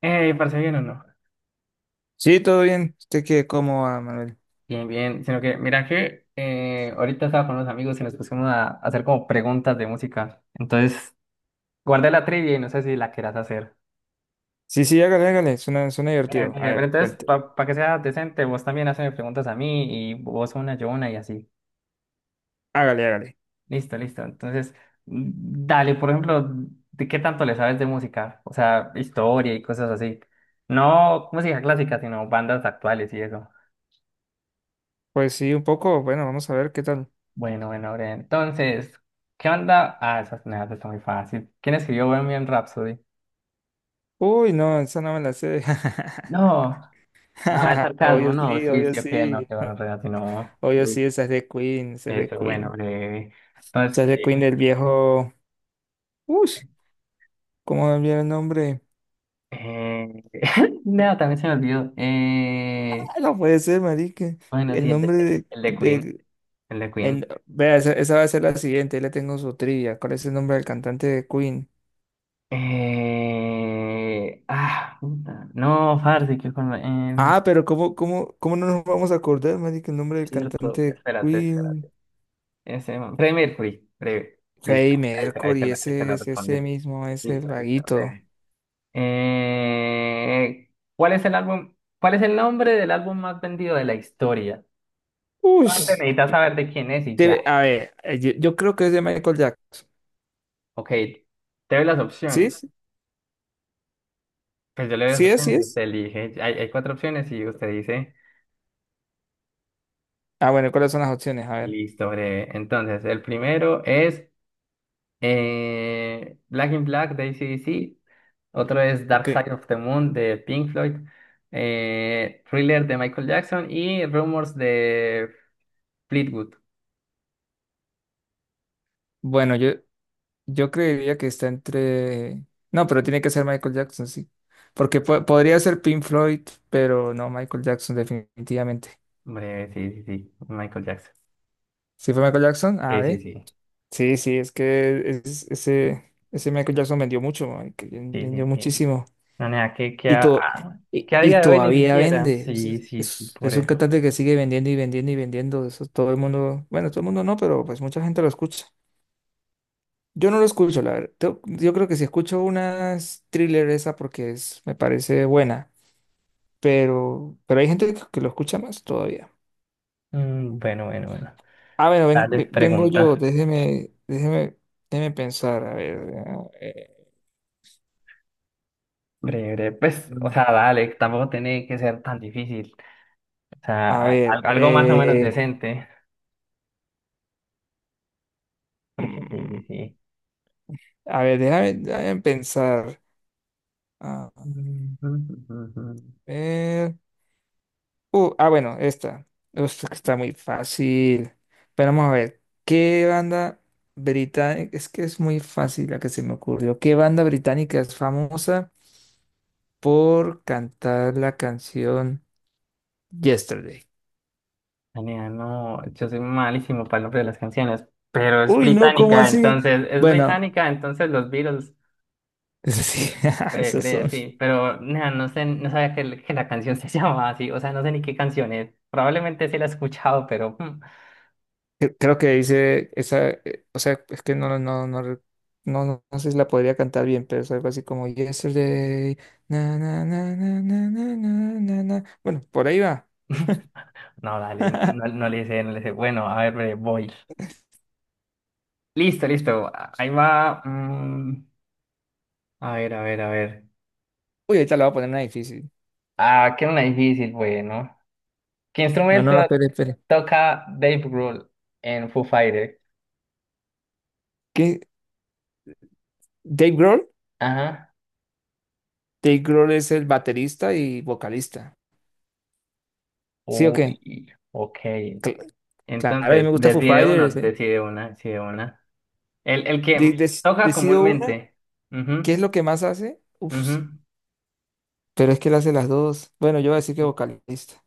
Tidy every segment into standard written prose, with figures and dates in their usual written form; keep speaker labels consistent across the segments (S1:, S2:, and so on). S1: ¿Parece bien o no?
S2: Sí, todo bien. ¿Usted qué, cómo va, Manuel?
S1: Bien, bien. Sino que, mira que ahorita estaba con unos amigos y nos pusimos a hacer como preguntas de música. Entonces, guardé la trivia y no sé si la quieras hacer.
S2: Sí, sí, hágale, hágale. Suena divertido. A
S1: Pero
S2: ver,
S1: entonces,
S2: cuente.
S1: para que sea decente, vos también haces preguntas a mí y vos una, yo una y así.
S2: Hágale, hágale.
S1: Listo, listo. Entonces, dale, por ejemplo, ¿de qué tanto le sabes de música? O sea, historia y cosas así. No música clásica, sino bandas actuales y eso.
S2: Pues sí, un poco. Bueno, vamos a ver qué tal.
S1: Bueno, bueno, Aurea, entonces, ¿qué onda? Ah, esas nada está muy fácil. ¿Quién escribió Bohemian Rhapsody?
S2: Uy, no, esa no me la sé.
S1: No, no, es sarcasmo,
S2: Obvio
S1: no,
S2: sí,
S1: sí,
S2: obvio
S1: sí, ok, no,
S2: sí.
S1: qué bueno, en realidad, sí, no,
S2: Obvio
S1: sí.
S2: sí, esa es de Queen, esa es de
S1: Eso, bueno,
S2: Queen. Esa
S1: entonces,
S2: es de
S1: qué
S2: Queen del viejo. Uy, ¿cómo me olvidé el nombre?
S1: eh, no, también se me olvidó.
S2: Ah, no puede ser, marica.
S1: Bueno,
S2: El
S1: sí,
S2: nombre de...
S1: el de Queen, el de Queen.
S2: Vea, esa va a ser la siguiente. Ahí le tengo su trivia. ¿Cuál es el nombre del cantante de Queen?
S1: Puta, no, Farsi, qué forma,
S2: Ah, pero ¿cómo no nos vamos a acordar, marica, el nombre del
S1: cierto,
S2: cantante de
S1: espérate.
S2: Queen?
S1: Ese, man. Freddie Mercury, breve. Listo,
S2: Freddie
S1: ahí,
S2: Mercury,
S1: ahí te
S2: ese
S1: la
S2: es ese
S1: respondí.
S2: mismo, ese el
S1: Listo, listo,
S2: vaguito.
S1: breve. Eh, ¿cuál es el nombre del álbum más vendido de la historia?
S2: Uy,
S1: Aparte, necesitas saber de quién es y ya.
S2: a ver, yo creo que es de Michael Jackson.
S1: Ok, te doy las
S2: ¿Sí?
S1: opciones.
S2: ¿es?
S1: Pues yo le doy las
S2: ¿Sí es? ¿Sí
S1: opciones y
S2: es?
S1: usted elige. Hay cuatro opciones y usted dice,
S2: Ah, bueno, ¿cuáles son las opciones? A ver.
S1: listo, breve. Entonces, el primero es Black in Black de AC/DC. Otro es
S2: Ok.
S1: Dark Side of the Moon de Pink Floyd. Thriller de Michael Jackson y Rumors de Fleetwood.
S2: Bueno, yo creería que está entre... No, pero tiene que ser Michael Jackson, sí. Porque podría ser Pink Floyd, pero no Michael Jackson, definitivamente.
S1: Hombre, sí, sí, sí. Michael Jackson.
S2: ¿Sí fue Michael Jackson? A
S1: Sí, sí,
S2: ver.
S1: sí.
S2: Sí, sí, es que ese, ese Michael Jackson vendió mucho, man, que
S1: Sí, sí,
S2: vendió
S1: sí.
S2: muchísimo.
S1: No, nada,
S2: Y, to- y,
S1: que a
S2: y
S1: día de hoy ni
S2: todavía
S1: siquiera.
S2: vende.
S1: Sí, sí, sí, por
S2: Es un
S1: eso.
S2: cantante que sigue vendiendo y vendiendo y vendiendo. Eso todo el mundo, bueno, todo el mundo no, pero pues mucha gente lo escucha. Yo no lo escucho, la verdad. Yo creo que si escucho unas thriller esa porque es, me parece buena, pero hay gente que lo escucha más todavía.
S1: Mm, bueno, bueno, bueno.
S2: Ah, bueno,
S1: Dale,
S2: vengo yo,
S1: pregunta.
S2: déjeme, déjeme, déjeme pensar, a ver. eh,
S1: Breve, pues, o sea, dale, tampoco tiene que ser tan difícil. O sea,
S2: A ver,
S1: algo más o menos decente. Por eso sí,
S2: mm,
S1: sí.
S2: a ver, déjame, déjame pensar. A ver. Bueno, esta. Esta que está muy fácil. Pero vamos a ver. ¿Qué banda británica? Es que es muy fácil la que se me ocurrió. ¿Qué banda británica es famosa por cantar la canción Yesterday?
S1: Daniela, no, yo soy malísimo para el nombre de las canciones, pero
S2: Uy, no, ¿cómo así?
S1: es
S2: Bueno,
S1: británica, entonces los Beatles,
S2: eso sí,
S1: breve,
S2: esos
S1: breve,
S2: son.
S1: sí, pero nea, no sé, no sabía que, que la canción se llamaba así, o sea, no sé ni qué canción es, probablemente sí la he escuchado, pero
S2: Creo que dice esa, o sea, es que no sé si la podría cantar bien, pero es algo así como Yesterday, na, na, na, na, na, na, na, na, na". Bueno, por ahí va.
S1: no, dale, no, no le sé, no le sé, bueno, a ver, breve, voy, listo, listo, ahí va, a ver, a ver, a ver,
S2: Uy, ahorita la voy a poner una difícil.
S1: ah, que era una difícil, bueno, ¿qué
S2: No, no,
S1: instrumento?
S2: no, espere.
S1: Toca Dave Grohl en Foo Fighters.
S2: ¿Qué? ¿Dave Grohl?
S1: Ajá.
S2: Dave Grohl es el baterista y vocalista. ¿Sí o qué?
S1: Uy, ok.
S2: Cl- claro, a mí
S1: Entonces,
S2: me gusta Foo
S1: decide uno,
S2: Fighters.
S1: decide una, decide una. El que toca
S2: Decido una,
S1: comúnmente.
S2: ¿qué es
S1: Ujú,
S2: lo que más hace? Uf,
S1: ujú.
S2: pero es que él hace las dos. Bueno, yo voy a decir que vocalista.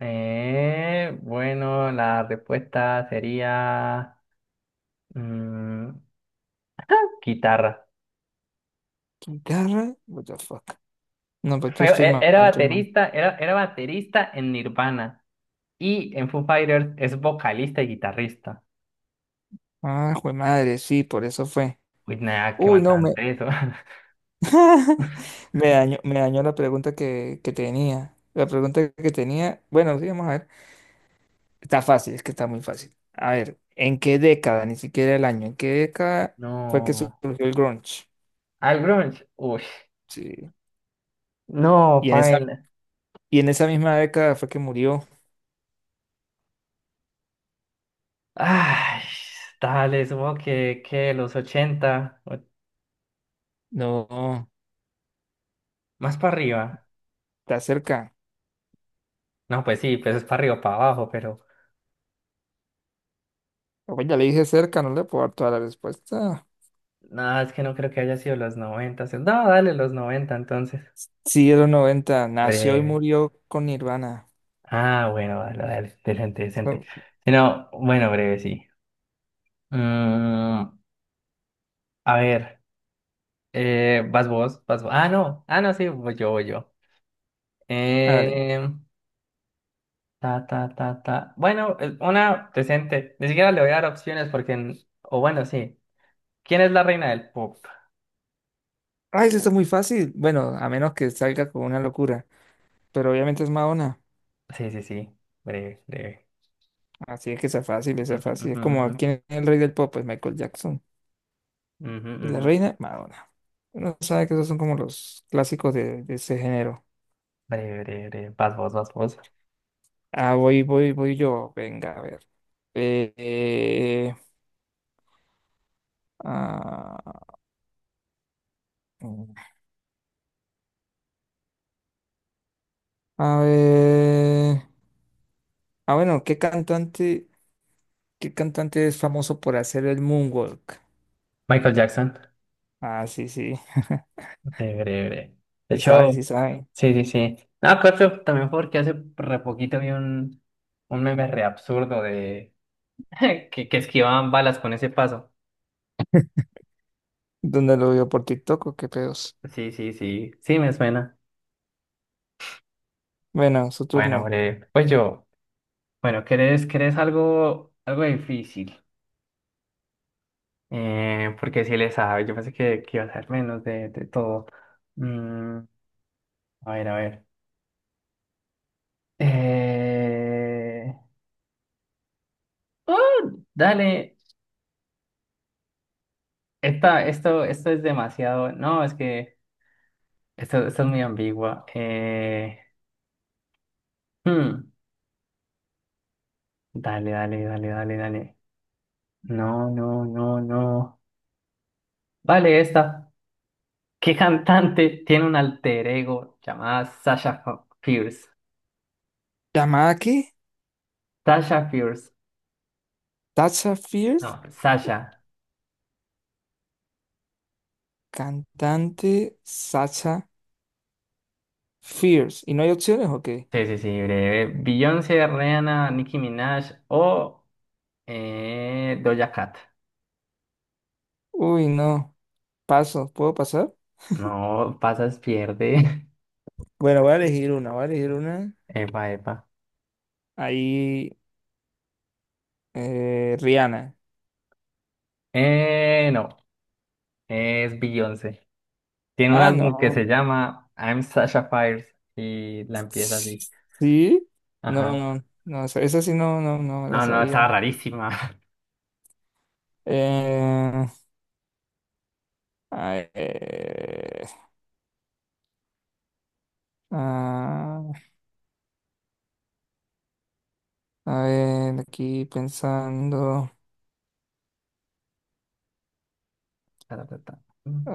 S1: Bueno, la respuesta sería mm, guitarra.
S2: ¿Guitarra? What the fuck. No, pues tú estoy mal,
S1: Era
S2: tú mal.
S1: baterista, era baterista en Nirvana y en Foo Fighters es vocalista y guitarrista.
S2: Ah, jue madre, sí, por eso fue.
S1: Uy, nada, qué
S2: Uy, no,
S1: matante eso.
S2: me dañó la pregunta que tenía. La pregunta que tenía, bueno, sí, vamos a ver. Está fácil, es que está muy fácil. A ver, ¿en qué década? Ni siquiera el año. ¿En qué década fue que
S1: No.
S2: surgió el grunge?
S1: Al grunge, uy,
S2: Sí.
S1: no,
S2: Y en esa,
S1: paila.
S2: y en esa misma década fue que murió.
S1: Ay, dale, supongo que los 80,
S2: No,
S1: más para arriba.
S2: está cerca.
S1: No, pues sí, pues es para arriba, para abajo, pero
S2: Oye, ya le dije cerca, no le puedo dar toda la respuesta.
S1: nada, es que no creo que haya sido los 90. No, dale, los 90, entonces.
S2: Sí, de los 90. Nació y
S1: Breve.
S2: murió con Nirvana.
S1: Ah, bueno, dale, dale, decente, decente.
S2: So,
S1: Si no, bueno, breve, sí. Mm, a ver, vas vos, vas vos. Ah, no, ah, no, sí, voy yo, voy yo.
S2: hágale.
S1: Em, Ta, ta, ta, ta. Bueno, una decente. Ni siquiera le voy a dar opciones porque... o bueno, sí. ¿Quién es la reina del pop?
S2: Ay, eso está muy fácil. Bueno, a menos que salga con una locura. Pero obviamente es Madonna.
S1: Sí, sí, sí. Breve, breve.
S2: Así es que sea fácil, sea
S1: Ujú,
S2: fácil.
S1: ujú,
S2: Es
S1: ujú.
S2: como quién es el rey del pop, es Michael Jackson.
S1: Ujú,
S2: Y la
S1: ujú.
S2: reina, Madonna. Uno sabe que esos son como los clásicos de ese género.
S1: Breve, breve, breve. Vas vos, vas vos.
S2: Ah, voy, voy, voy yo. Venga, a ver. Eh, eh, ah, mm, a ver. Ah, bueno, ¿qué cantante? ¿Qué cantante es famoso por hacer el moonwalk?
S1: Michael Jackson.
S2: Ah, sí, sí.
S1: Breve, breve, breve. De
S2: Sí
S1: hecho,
S2: sabe, sí sabe.
S1: sí, sí, sí. No, claro, también porque hace re poquito vi un meme re absurdo de... que esquivaban balas con ese paso.
S2: ¿Dónde lo vio? ¿Por TikTok o qué pedos?
S1: Sí, sí, sí. Sí, me suena.
S2: Bueno, su
S1: Bueno,
S2: turno.
S1: breve. Pues yo... Bueno, ¿querés algo, algo difícil? Porque si le sabe, yo pensé que iba a ser menos de todo. Mm, a ver, a ver. Eh... ¡Ah! Dale, esta, esto es demasiado. No, es que esto es muy ambigua. Hmm, Dale, dale, dale, dale, dale. No, no, no, no. Vale, esta. ¿Qué cantante tiene un alter ego llamada Sasha Fierce?
S2: Tamaki,
S1: Sasha Fierce.
S2: Sacha Fierce,
S1: No, Sasha.
S2: cantante Sacha Fierce. ¿Y no hay opciones o qué?
S1: Sí, sí, sí, breve. Beyoncé, Rihanna, Nicki Minaj o Doja Cat.
S2: Uy, no. Paso, ¿puedo pasar?
S1: No, pasas, pierde.
S2: Bueno, voy a elegir una, voy a elegir una.
S1: Epa, epa.
S2: Ahí, Rihanna.
S1: No, es Beyoncé. Tiene un
S2: Ah,
S1: álbum que se
S2: no.
S1: llama I'm Sasha Fires y la empieza así.
S2: ¿Sí? No,
S1: Ajá.
S2: no, no, esa esa sí no, no, no me la
S1: No, no, estaba
S2: sabía.
S1: rarísima.
S2: Eh, A ver, ah, a ver, aquí pensando.
S1: Ta, ta, ta.
S2: ah,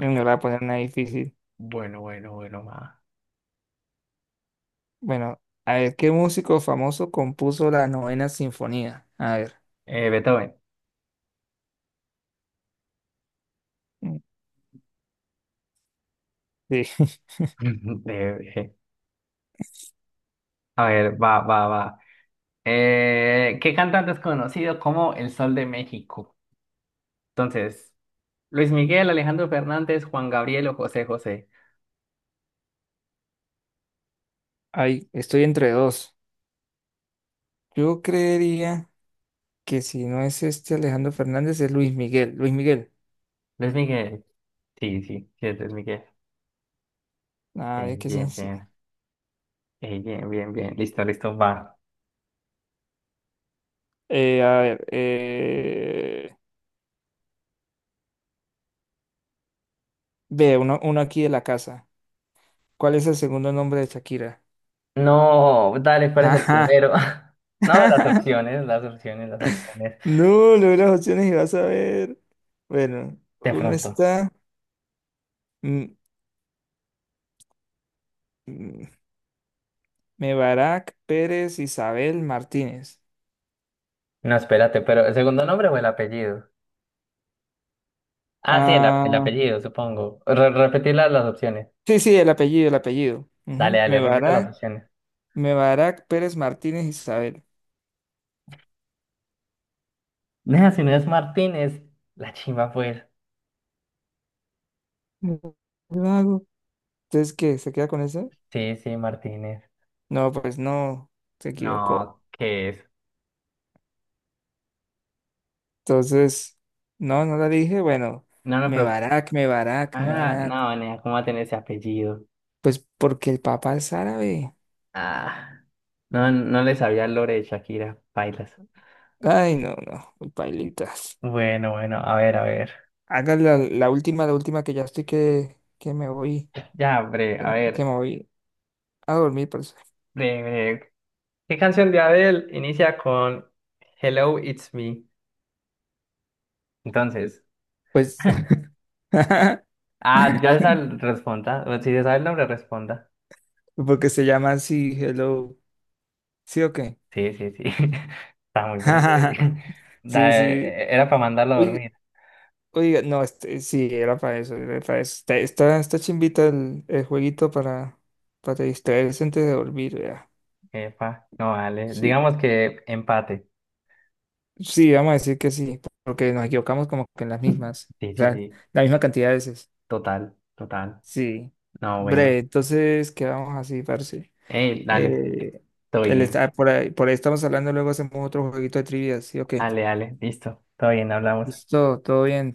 S2: no le voy a poner una difícil.
S1: bueno, bueno, bueno, va.
S2: Bueno, a ver, ¿qué músico famoso compuso la novena sinfonía? A ver.
S1: Beethoven.
S2: mm, Sí,
S1: Eh, eh. A ver, va, va, va. ¿Qué cantante es conocido como el Sol de México? Entonces, Luis Miguel, Alejandro Fernández, Juan Gabriel o José José.
S2: ay, estoy entre dos. Yo creería que si no es este Alejandro Fernández, es Luis Miguel. Luis Miguel.
S1: Luis Miguel. Sí, sí, sí, es Luis Miguel.
S2: A
S1: Bien,
S2: ver, qué
S1: bien,
S2: sencillo.
S1: bien. Bien, bien, bien. Listo, listo, va.
S2: Eh, a ver, eh, ve, uno aquí de la casa. ¿Cuál es el segundo nombre de Shakira?
S1: No, dale, ¿cuál es el
S2: Ajá.
S1: primero? No, las opciones, las opciones, las opciones.
S2: No, leo las opciones y vas a ver. Bueno,
S1: De
S2: uno
S1: pronto.
S2: está mm, mm, Mebarak Pérez Isabel Martínez.
S1: No, espérate, pero ¿el segundo nombre o el apellido? Ah, sí, el
S2: Ah,
S1: apellido, supongo. Repetir las opciones.
S2: sí, sí, el apellido, el apellido.
S1: Dale,
S2: Ujú,
S1: dale, repite las opciones.
S2: Mebarak Pérez Martínez Isabel.
S1: Nea, si no es Martínez, la chimba pues.
S2: Mm, Lo hago. Entonces, ¿qué? ¿Se queda con eso?
S1: Sí, sí, Martínez.
S2: No, pues no, se equivocó.
S1: No, ¿qué es?
S2: Entonces, no, no la dije. Bueno,
S1: No, no, pero. Ah,
S2: Mebarak.
S1: no, nena, ¿cómo va a tener ese apellido?
S2: Pues porque el papá es árabe.
S1: Ah, no, no le sabía el lore de Shakira, bailas.
S2: Ay, no, no, pailitas.
S1: Bueno, bueno, a ver, a ver.
S2: Haga la, la última que ya estoy que me voy,
S1: Ya, bre,
S2: que
S1: a
S2: me que
S1: ver,
S2: me voy a dormir, parce.
S1: bre, bre. ¿Qué canción de Adele inicia con Hello, it's me? Entonces,
S2: Pues,
S1: ah, ya se sabe, responda. Bueno, si se sabe el nombre, responda.
S2: porque se llama así, hello. ¿Sí o qué?
S1: Sí, sí, sí. Está muy breve.
S2: Sí, sí.
S1: Era para mandarlo a
S2: Oiga,
S1: dormir.
S2: oiga, no, este, sí, era para eso, era para eso. Está chimbita el jueguito para distraerse antes de dormir, vea.
S1: Epa, no vale.
S2: Sí,
S1: Digamos que empate.
S2: sí, vamos a decir que sí, porque nos equivocamos como que en las mismas,
S1: Sí, sí,
S2: o sea,
S1: sí.
S2: la misma cantidad de veces.
S1: Total, total.
S2: Sí,
S1: No,
S2: bre.
S1: bueno.
S2: Entonces quedamos así, parce.
S1: Ey, dale.
S2: Eh,
S1: Todo bien.
S2: por ahí estamos hablando, luego hacemos otro jueguito de trivias, ¿sí o qué?
S1: Dale, dale. Listo. Todo bien, hablamos.
S2: Listo, todo bien.